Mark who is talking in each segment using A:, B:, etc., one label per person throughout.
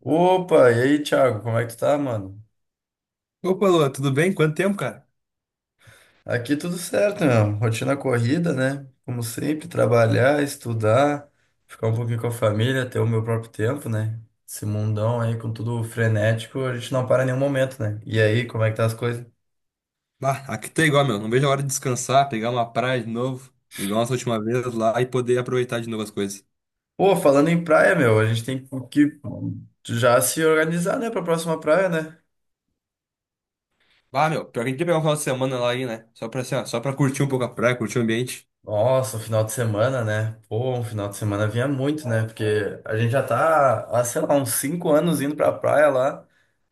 A: Opa, e aí, Thiago, como é que tu tá, mano?
B: Opa, Lua, tudo bem? Quanto tempo, cara?
A: Aqui tudo certo, meu. Rotina corrida, né? Como sempre, trabalhar, estudar, ficar um pouquinho com a família, ter o meu próprio tempo, né? Esse mundão aí com tudo frenético, a gente não para em nenhum momento, né? E aí, como é que tá as coisas?
B: Bah, aqui tá igual, meu. Não vejo a hora de descansar, pegar uma praia de novo, igual nossa última vez lá e poder aproveitar de novo as coisas.
A: Pô, falando em praia, meu, a gente tem que já se organizar, né, pra próxima praia, né?
B: Ah, meu, pior que a gente ia pegar um final de semana lá aí, né? Só pra, assim, ó, só pra curtir um pouco a praia, curtir o ambiente.
A: Nossa, o final de semana, né? Pô, um final de semana vinha muito, né? Porque a gente já tá, há, sei lá, uns cinco anos indo pra praia lá.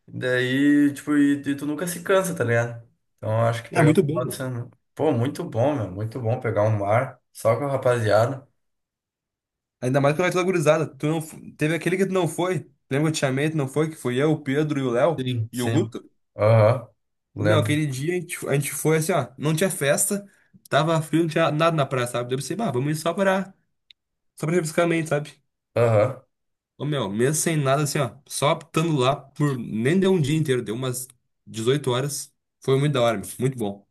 A: Daí, tipo, e tu nunca se cansa, tá ligado? Então eu acho que
B: É
A: pegar um
B: muito bom,
A: final de
B: meu.
A: semana. Pô, muito bom, meu. Muito bom pegar um mar só com a rapaziada.
B: Ainda mais que vai toda gurizada. Tu não... f- Teve aquele que tu não foi. Lembra que eu te chamei, tu não foi? Que foi eu, o Pedro e o Léo
A: Sim.
B: e o
A: Sim.
B: Guto.
A: Aham.
B: Ô, meu,
A: Lembro.
B: aquele dia a gente foi assim, ó. Não tinha festa, tava frio, não tinha nada na praia, sabe? Daí eu pensei, bah, vamos ir só pra refrescar a mente, sabe?
A: Aham.
B: Ô, meu, mesmo sem nada, assim, ó, só apitando lá por. Nem deu um dia inteiro, deu umas 18 horas. Foi muito da hora, meu, muito bom.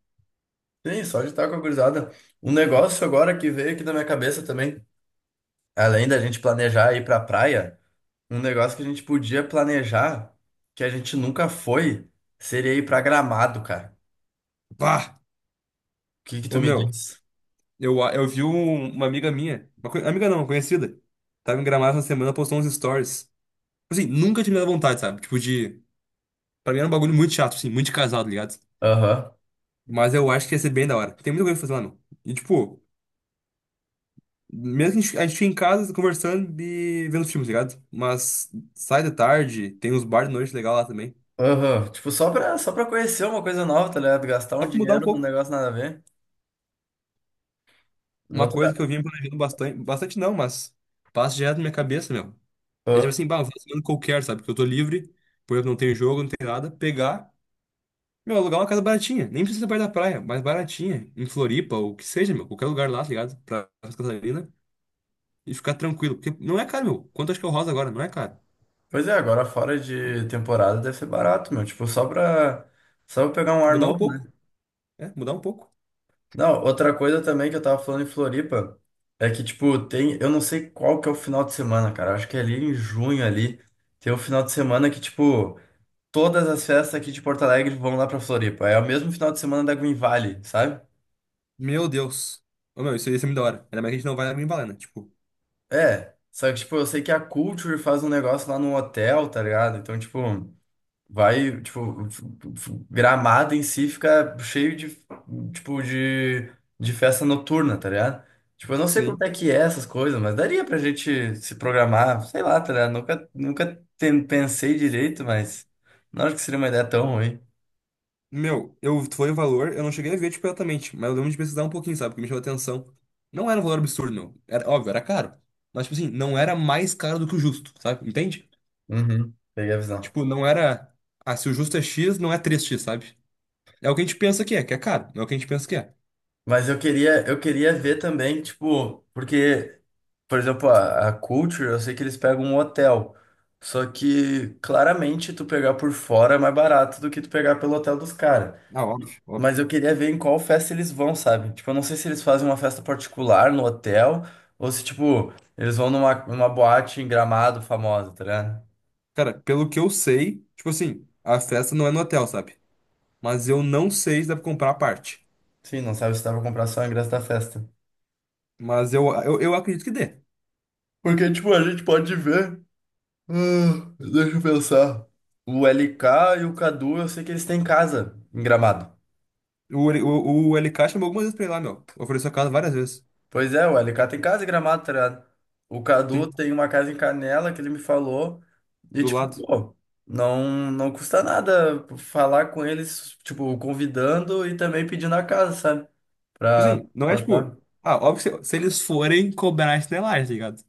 A: Sim, só de estar com a gurizada. Um negócio agora que veio aqui na minha cabeça também, além da gente planejar ir pra praia, um negócio que a gente podia planejar, que a gente nunca foi, seria ir pra Gramado, cara.
B: Pá!
A: O que que tu
B: Ô,
A: me
B: meu,
A: diz?
B: eu vi uma amiga minha, amiga não, uma conhecida, tava em Gramado essa semana, postou uns stories. Assim, nunca tinha me dado vontade, sabe? Tipo, de. Pra mim era um bagulho muito chato, assim, muito de casado, tá ligado?
A: Aham.
B: Mas eu acho que ia ser bem da hora. Tem muita coisa pra fazer lá, meu. E, tipo, mesmo que a gente fique em casa conversando e vendo filmes, tá ligado? Mas sai de tarde, tem uns bar de noite legal lá também.
A: Aham, tipo, só pra conhecer uma coisa nova, tá ligado? Gastar um
B: Só pra mudar um
A: dinheiro num
B: pouco.
A: negócio nada a ver.
B: Uma coisa que
A: Outra...
B: eu vim planejando bastante, bastante não, mas passa direto na minha cabeça, meu. É tipo
A: Aham.
B: assim, bah, um final de semana qualquer, sabe? Porque eu tô livre, porque eu não tenho jogo, não tenho nada. Pegar, meu, alugar uma casa baratinha. Nem precisa ser perto da praia, mas baratinha. Em Floripa, ou o que seja, meu. Qualquer lugar lá, tá ligado? Pra Santa Catarina. E ficar tranquilo. Porque não é caro, meu. Quanto acho que é o Rosa agora? Não é caro.
A: Pois é, agora fora de temporada deve ser barato, meu. Tipo, só pra pegar um ar
B: Mudar um
A: novo, né?
B: pouco. É, mudar um pouco.
A: Não, outra coisa também que eu tava falando em Floripa é que, tipo, tem. Eu não sei qual que é o final de semana, cara. Acho que é ali em junho ali. Tem um final de semana que, tipo, todas as festas aqui de Porto Alegre vão lá pra Floripa. É o mesmo final de semana da Green Valley, sabe?
B: Meu Deus. Ô, meu, isso ia ser muito da hora. Ainda mais que a gente não vai lá em Balena, tipo.
A: É, só que, tipo, eu sei que a Culture faz um negócio lá no hotel, tá ligado? Então, tipo, vai, tipo, Gramado em si fica cheio de, tipo, de festa noturna, tá ligado? Tipo, eu não sei
B: Sim.
A: quanto é que é essas coisas, mas daria pra gente se programar, sei lá, tá ligado? Nunca, nunca ten- Pensei direito, mas não acho que seria uma ideia tão ruim.
B: Meu, eu foi o valor, eu não cheguei a ver, tipo, exatamente, mas eu lembro de pesquisar um pouquinho, sabe? Porque me chamou a atenção. Não era um valor absurdo, meu. Era, óbvio, era caro. Mas, tipo assim, não era mais caro do que o justo, sabe? Entende?
A: Uhum, peguei a visão.
B: Tipo, não era. Ah, se o justo é X, não é três x, sabe? É o que a gente pensa que é caro. Não é o que a gente pensa que é.
A: Mas eu queria ver também, tipo, porque por exemplo, a Culture, eu sei que eles pegam um hotel. Só que claramente tu pegar por fora é mais barato do que tu pegar pelo hotel dos caras.
B: Ah, óbvio, óbvio.
A: Mas eu queria ver em qual festa eles vão, sabe? Tipo, eu não sei se eles fazem uma festa particular no hotel ou se, tipo, eles vão numa, numa boate em Gramado famosa, tá ligado?
B: Cara, pelo que eu sei, tipo assim, a festa não é no hotel, sabe? Mas eu não sei se dá pra comprar a parte.
A: Sim, não sabe se dá pra comprar só o ingresso da festa.
B: Mas eu acredito que dê.
A: Porque, tipo, a gente pode ver. Ah, deixa eu pensar. O LK e o Cadu, eu sei que eles têm casa em Gramado.
B: O LK chamou algumas vezes pra ir lá, meu. Ofereceu a casa várias vezes.
A: Pois é, o LK tem casa em Gramado, tá ligado? O Cadu
B: Sim,
A: tem uma casa em Canela que ele me falou. E,
B: do
A: tipo,
B: lado.
A: pô, não custa nada falar com eles, tipo, convidando e também pedindo a casa, sabe?
B: Tipo
A: Pra
B: assim, não é
A: passar.
B: tipo. Ah, óbvio que se eles forem cobrar estelagem, tá ligado?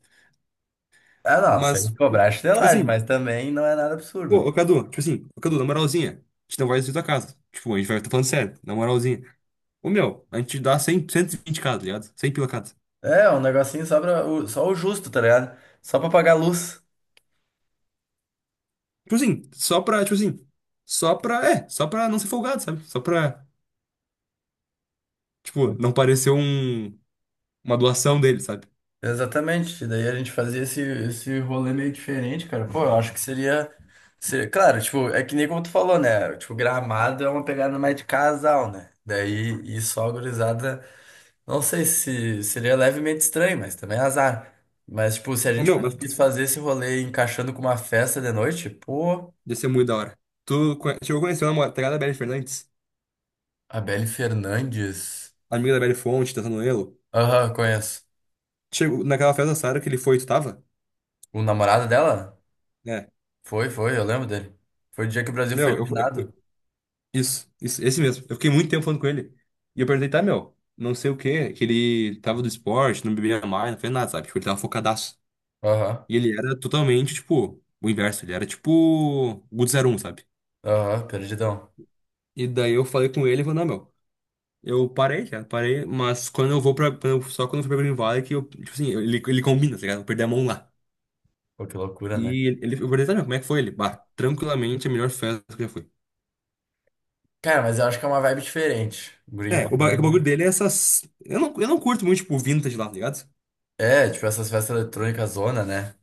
A: Ah, não,
B: Mas,
A: sem cobrar a
B: tipo
A: chinelagem, mas
B: assim,
A: também não é nada
B: pô,
A: absurdo.
B: ô Cadu, tipo assim, ô Cadu, na moralzinha, a gente não vai destruir tua casa. Tipo, a gente vai, tá falando sério, na moralzinha. Ô, meu, a gente dá 100, 120 cada, tá ligado? 100 pila cada.
A: É, um negocinho só, pra, só o justo, tá ligado? Só pra pagar a luz.
B: Tipo assim, só pra, tipo assim, só pra, é, só pra não ser folgado, sabe? Só pra, tipo, não parecer um, uma doação dele, sabe?
A: Exatamente. Daí a gente fazia esse rolê meio diferente, cara. Pô, eu acho que seria, seria. Claro, tipo, é que nem como tu falou, né? Tipo, Gramado é uma pegada mais de casal, né? Daí, e só a gurizada. Não sei se seria levemente estranho, mas também é azar. Mas, tipo, se a
B: Ô,
A: gente
B: meu, mas tu,
A: conseguisse fazer esse rolê encaixando com uma festa de noite, pô,
B: ia ser muito da hora. Chegou a conhecer a namorada da Belle Fernandes?
A: a Belle Fernandes.
B: Amiga da Belle Fonte, da Sanoelo?
A: Aham, conheço.
B: Chegou naquela festa da Sarah que ele foi, tu tava?
A: O namorado dela?
B: É.
A: Foi, eu lembro dele. Foi o dia que o Brasil foi
B: Meu, eu, eu-
A: eliminado.
B: eu- isso, isso, esse mesmo. Eu fiquei muito tempo falando com ele. E eu perguntei, tá, meu, não sei o quê, que ele tava do esporte, não bebia mais, não fez nada, sabe? Tipo, ele tava focadaço.
A: Aham,
B: E ele era totalmente, tipo, o inverso, ele era tipo o zero um, sabe?
A: aham, perdidão.
B: E daí eu falei com ele e falei, não, meu, eu parei, cara, parei, mas quando eu vou pra. Quando eu- Só quando eu fui pra Green Valley que eu, tipo assim, ele combina, tá ligado? Eu perdi a mão lá.
A: Pô, que loucura, né?
B: E ele, eu perguntei, tá, meu, como é que foi ele? Bah, tranquilamente a melhor festa que eu já fui.
A: Cara, mas eu acho que é uma vibe diferente. Green
B: É, o
A: Valley.
B: bagulho dele é essas. Eu não curto muito, tipo, o vintage lá, tá ligado?
A: É, tipo essas festas eletrônicas zona, né?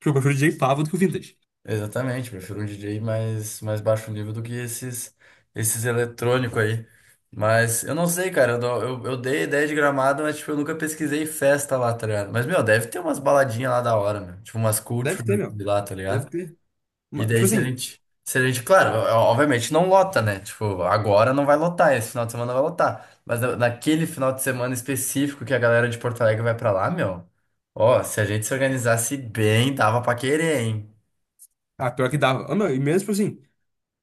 B: Porque eu prefiro o DJ Pavo do que o vintage.
A: Exatamente, prefiro um DJ mais baixo nível do que esses eletrônicos aí. Mas eu não sei, cara, eu dei ideia de Gramado, mas tipo, eu nunca pesquisei festa lá, tá ligado? Mas, meu, deve ter umas baladinhas lá da hora, meu. Tipo, umas
B: Deve ter,
A: culture
B: meu.
A: de lá, tá
B: Deve
A: ligado?
B: ter.
A: E
B: Mas,
A: daí
B: tipo
A: se a
B: assim,
A: gente, se a gente, claro, obviamente não lota, né? Tipo, agora não vai lotar, esse final de semana vai lotar. Mas naquele final de semana específico que a galera de Porto Alegre vai pra lá, meu, ó, se a gente se organizasse bem, dava pra querer, hein?
B: ah, pior que dava. Ah, meu, e mesmo, tipo assim,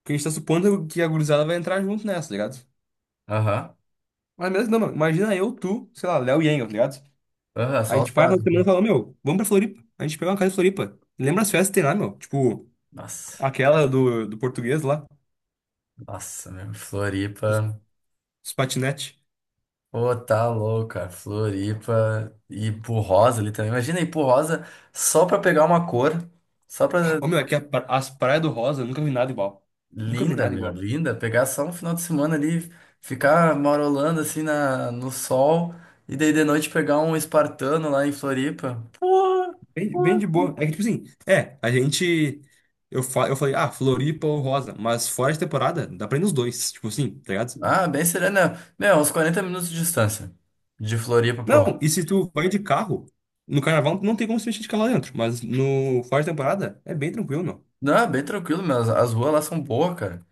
B: porque a gente tá supondo que a gurizada vai entrar junto nessa, tá ligado?
A: Aham,
B: Mas mesmo não, meu. Imagina eu, tu, sei lá, Léo e Engel, tá ligado?
A: aham,
B: A
A: só os
B: gente vai na
A: quatro.
B: semana e fala, meu, vamos pra Floripa. A gente pega uma casa em Floripa. Lembra as festas que tem lá, meu? Tipo,
A: Nossa,
B: aquela do português lá,
A: nossa, meu,
B: dos,
A: Floripa.
B: dos patinete.
A: Pô, tá louco, cara. Floripa e Rosa ali também. Imagina ir pro Rosa só pra pegar uma cor, só
B: Ah,
A: pra.
B: ô, meu, é que as praias do Rosa, eu nunca vi nada igual. Nunca vi
A: Linda,
B: nada
A: meu,
B: igual.
A: linda. Pegar só um final de semana ali, ficar marolando assim no sol, e daí de noite pegar um espartano lá em Floripa.
B: Bem, bem de boa. É que, tipo assim, é, a gente. Eu falei, ah, Floripa ou Rosa, mas fora de temporada, dá pra ir nos dois, tipo assim, tá ligado?
A: Ah, bem serena. Meu, uns 40 minutos de distância. De Floripa pro
B: Não,
A: Rock.
B: e se tu vai de carro, no carnaval não tem como se mexer de carro lá dentro, mas no fora de temporada é bem tranquilo, não.
A: Não, bem tranquilo, meu. As ruas lá são boas, cara.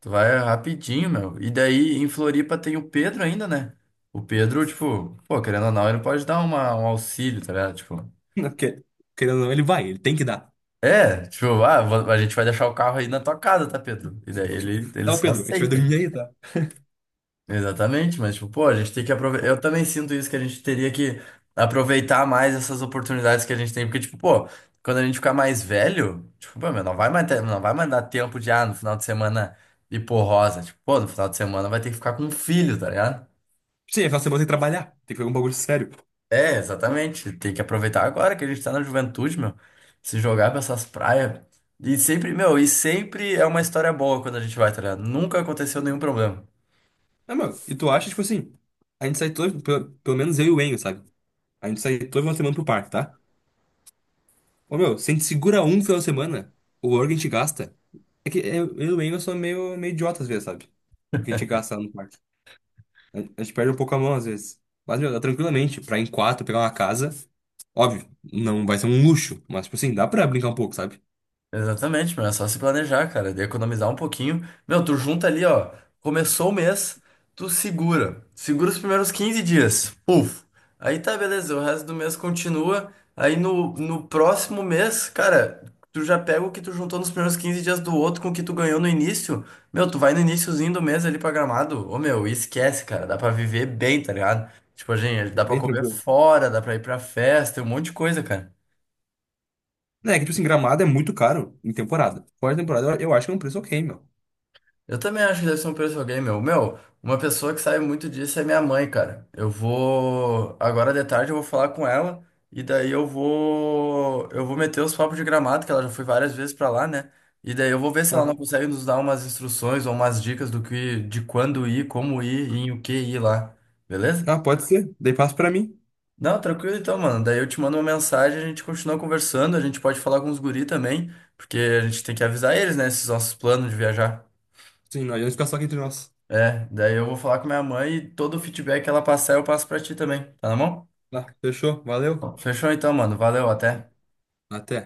A: Tu vai rapidinho, meu. E daí em Floripa tem o Pedro ainda, né? O Pedro, tipo, pô, querendo ou não, ele pode dar uma, um auxílio, tá ligado? Tipo.
B: Não, porque, querendo ou não, ele tem que dar.
A: É, tipo, ah, a gente vai deixar o carro aí na tua casa, tá, Pedro? E daí ele
B: Tá, ô
A: só
B: Pedro, a gente vai
A: aceita.
B: dormir aí, tá?
A: Exatamente, mas tipo, pô, a gente tem que aproveitar. Eu também sinto isso que a gente teria que aproveitar mais essas oportunidades que a gente tem, porque tipo, pô, quando a gente ficar mais velho, tipo, pô, meu, não vai mais dar tempo de ah, no final de semana ir por rosa, tipo, pô, no final de semana vai ter que ficar com um filho, tá ligado?
B: Sim, aquela semana tem que trabalhar, tem que fazer um bagulho sério.
A: É, exatamente. Tem que aproveitar agora que a gente tá na juventude, meu. Se jogar pra essas praias. E sempre, meu, e sempre é uma história boa quando a gente vai, tá ligado? Nunca aconteceu nenhum problema.
B: Não, meu, e tu acha, tipo assim, a gente sai todo, pelo menos eu e o Enio, sabe? A gente sai toda uma semana pro parque, tá? Ô, meu, se a gente segura um final de semana, o valor que a gente gasta. É que é, eu, e o Engel sou meio, meio idiota às vezes, sabe? O que a gente gasta no quarto. A gente perde um pouco a mão às vezes. Mas, meu, dá tranquilamente pra ir em quatro pegar uma casa. Óbvio, não vai ser um luxo, mas, tipo assim, dá pra brincar um pouco, sabe?
A: Exatamente, meu, é só se planejar, cara, de economizar um pouquinho. Meu, tu junta ali, ó, começou o mês, tu segura. Segura os primeiros 15 dias. Puf. Aí tá, beleza, o resto do mês continua. Aí no próximo mês, cara, tu já pega o que tu juntou nos primeiros 15 dias do outro com o que tu ganhou no início. Meu, tu vai no iniciozinho do mês ali pra Gramado. Ô, meu, e esquece, cara, dá pra viver bem, tá ligado? Tipo, gente, dá pra
B: Bem
A: comer
B: tranquilo.
A: fora, dá pra ir pra festa, tem um monte de coisa, cara.
B: É que, tipo assim, Gramado é muito caro em temporada. Fora de temporada, eu acho que é um preço ok, meu.
A: Eu também acho que deve ser um preço de alguém, meu. Meu, uma pessoa que sabe muito disso é minha mãe, cara. Eu vou. Agora de tarde eu vou falar com ela e daí eu vou. Eu vou meter os papos de Gramado, que ela já foi várias vezes pra lá, né? E daí eu vou ver se ela não
B: Aham.
A: consegue nos dar umas instruções ou umas dicas do que, de quando ir, como ir e em o que ir lá. Beleza?
B: Ah, pode ser. Daí passa pra mim.
A: Não, tranquilo então, mano. Daí eu te mando uma mensagem, a gente continua conversando, a gente pode falar com os guri também, porque a gente tem que avisar eles, né, esses nossos planos de viajar.
B: Sim, nós vamos ficar só aqui entre nós.
A: É, daí eu vou falar com minha mãe e todo o feedback que ela passar eu passo pra ti também. Tá na mão?
B: Tá, fechou. Valeu.
A: Fechou então, mano. Valeu, até.
B: Até.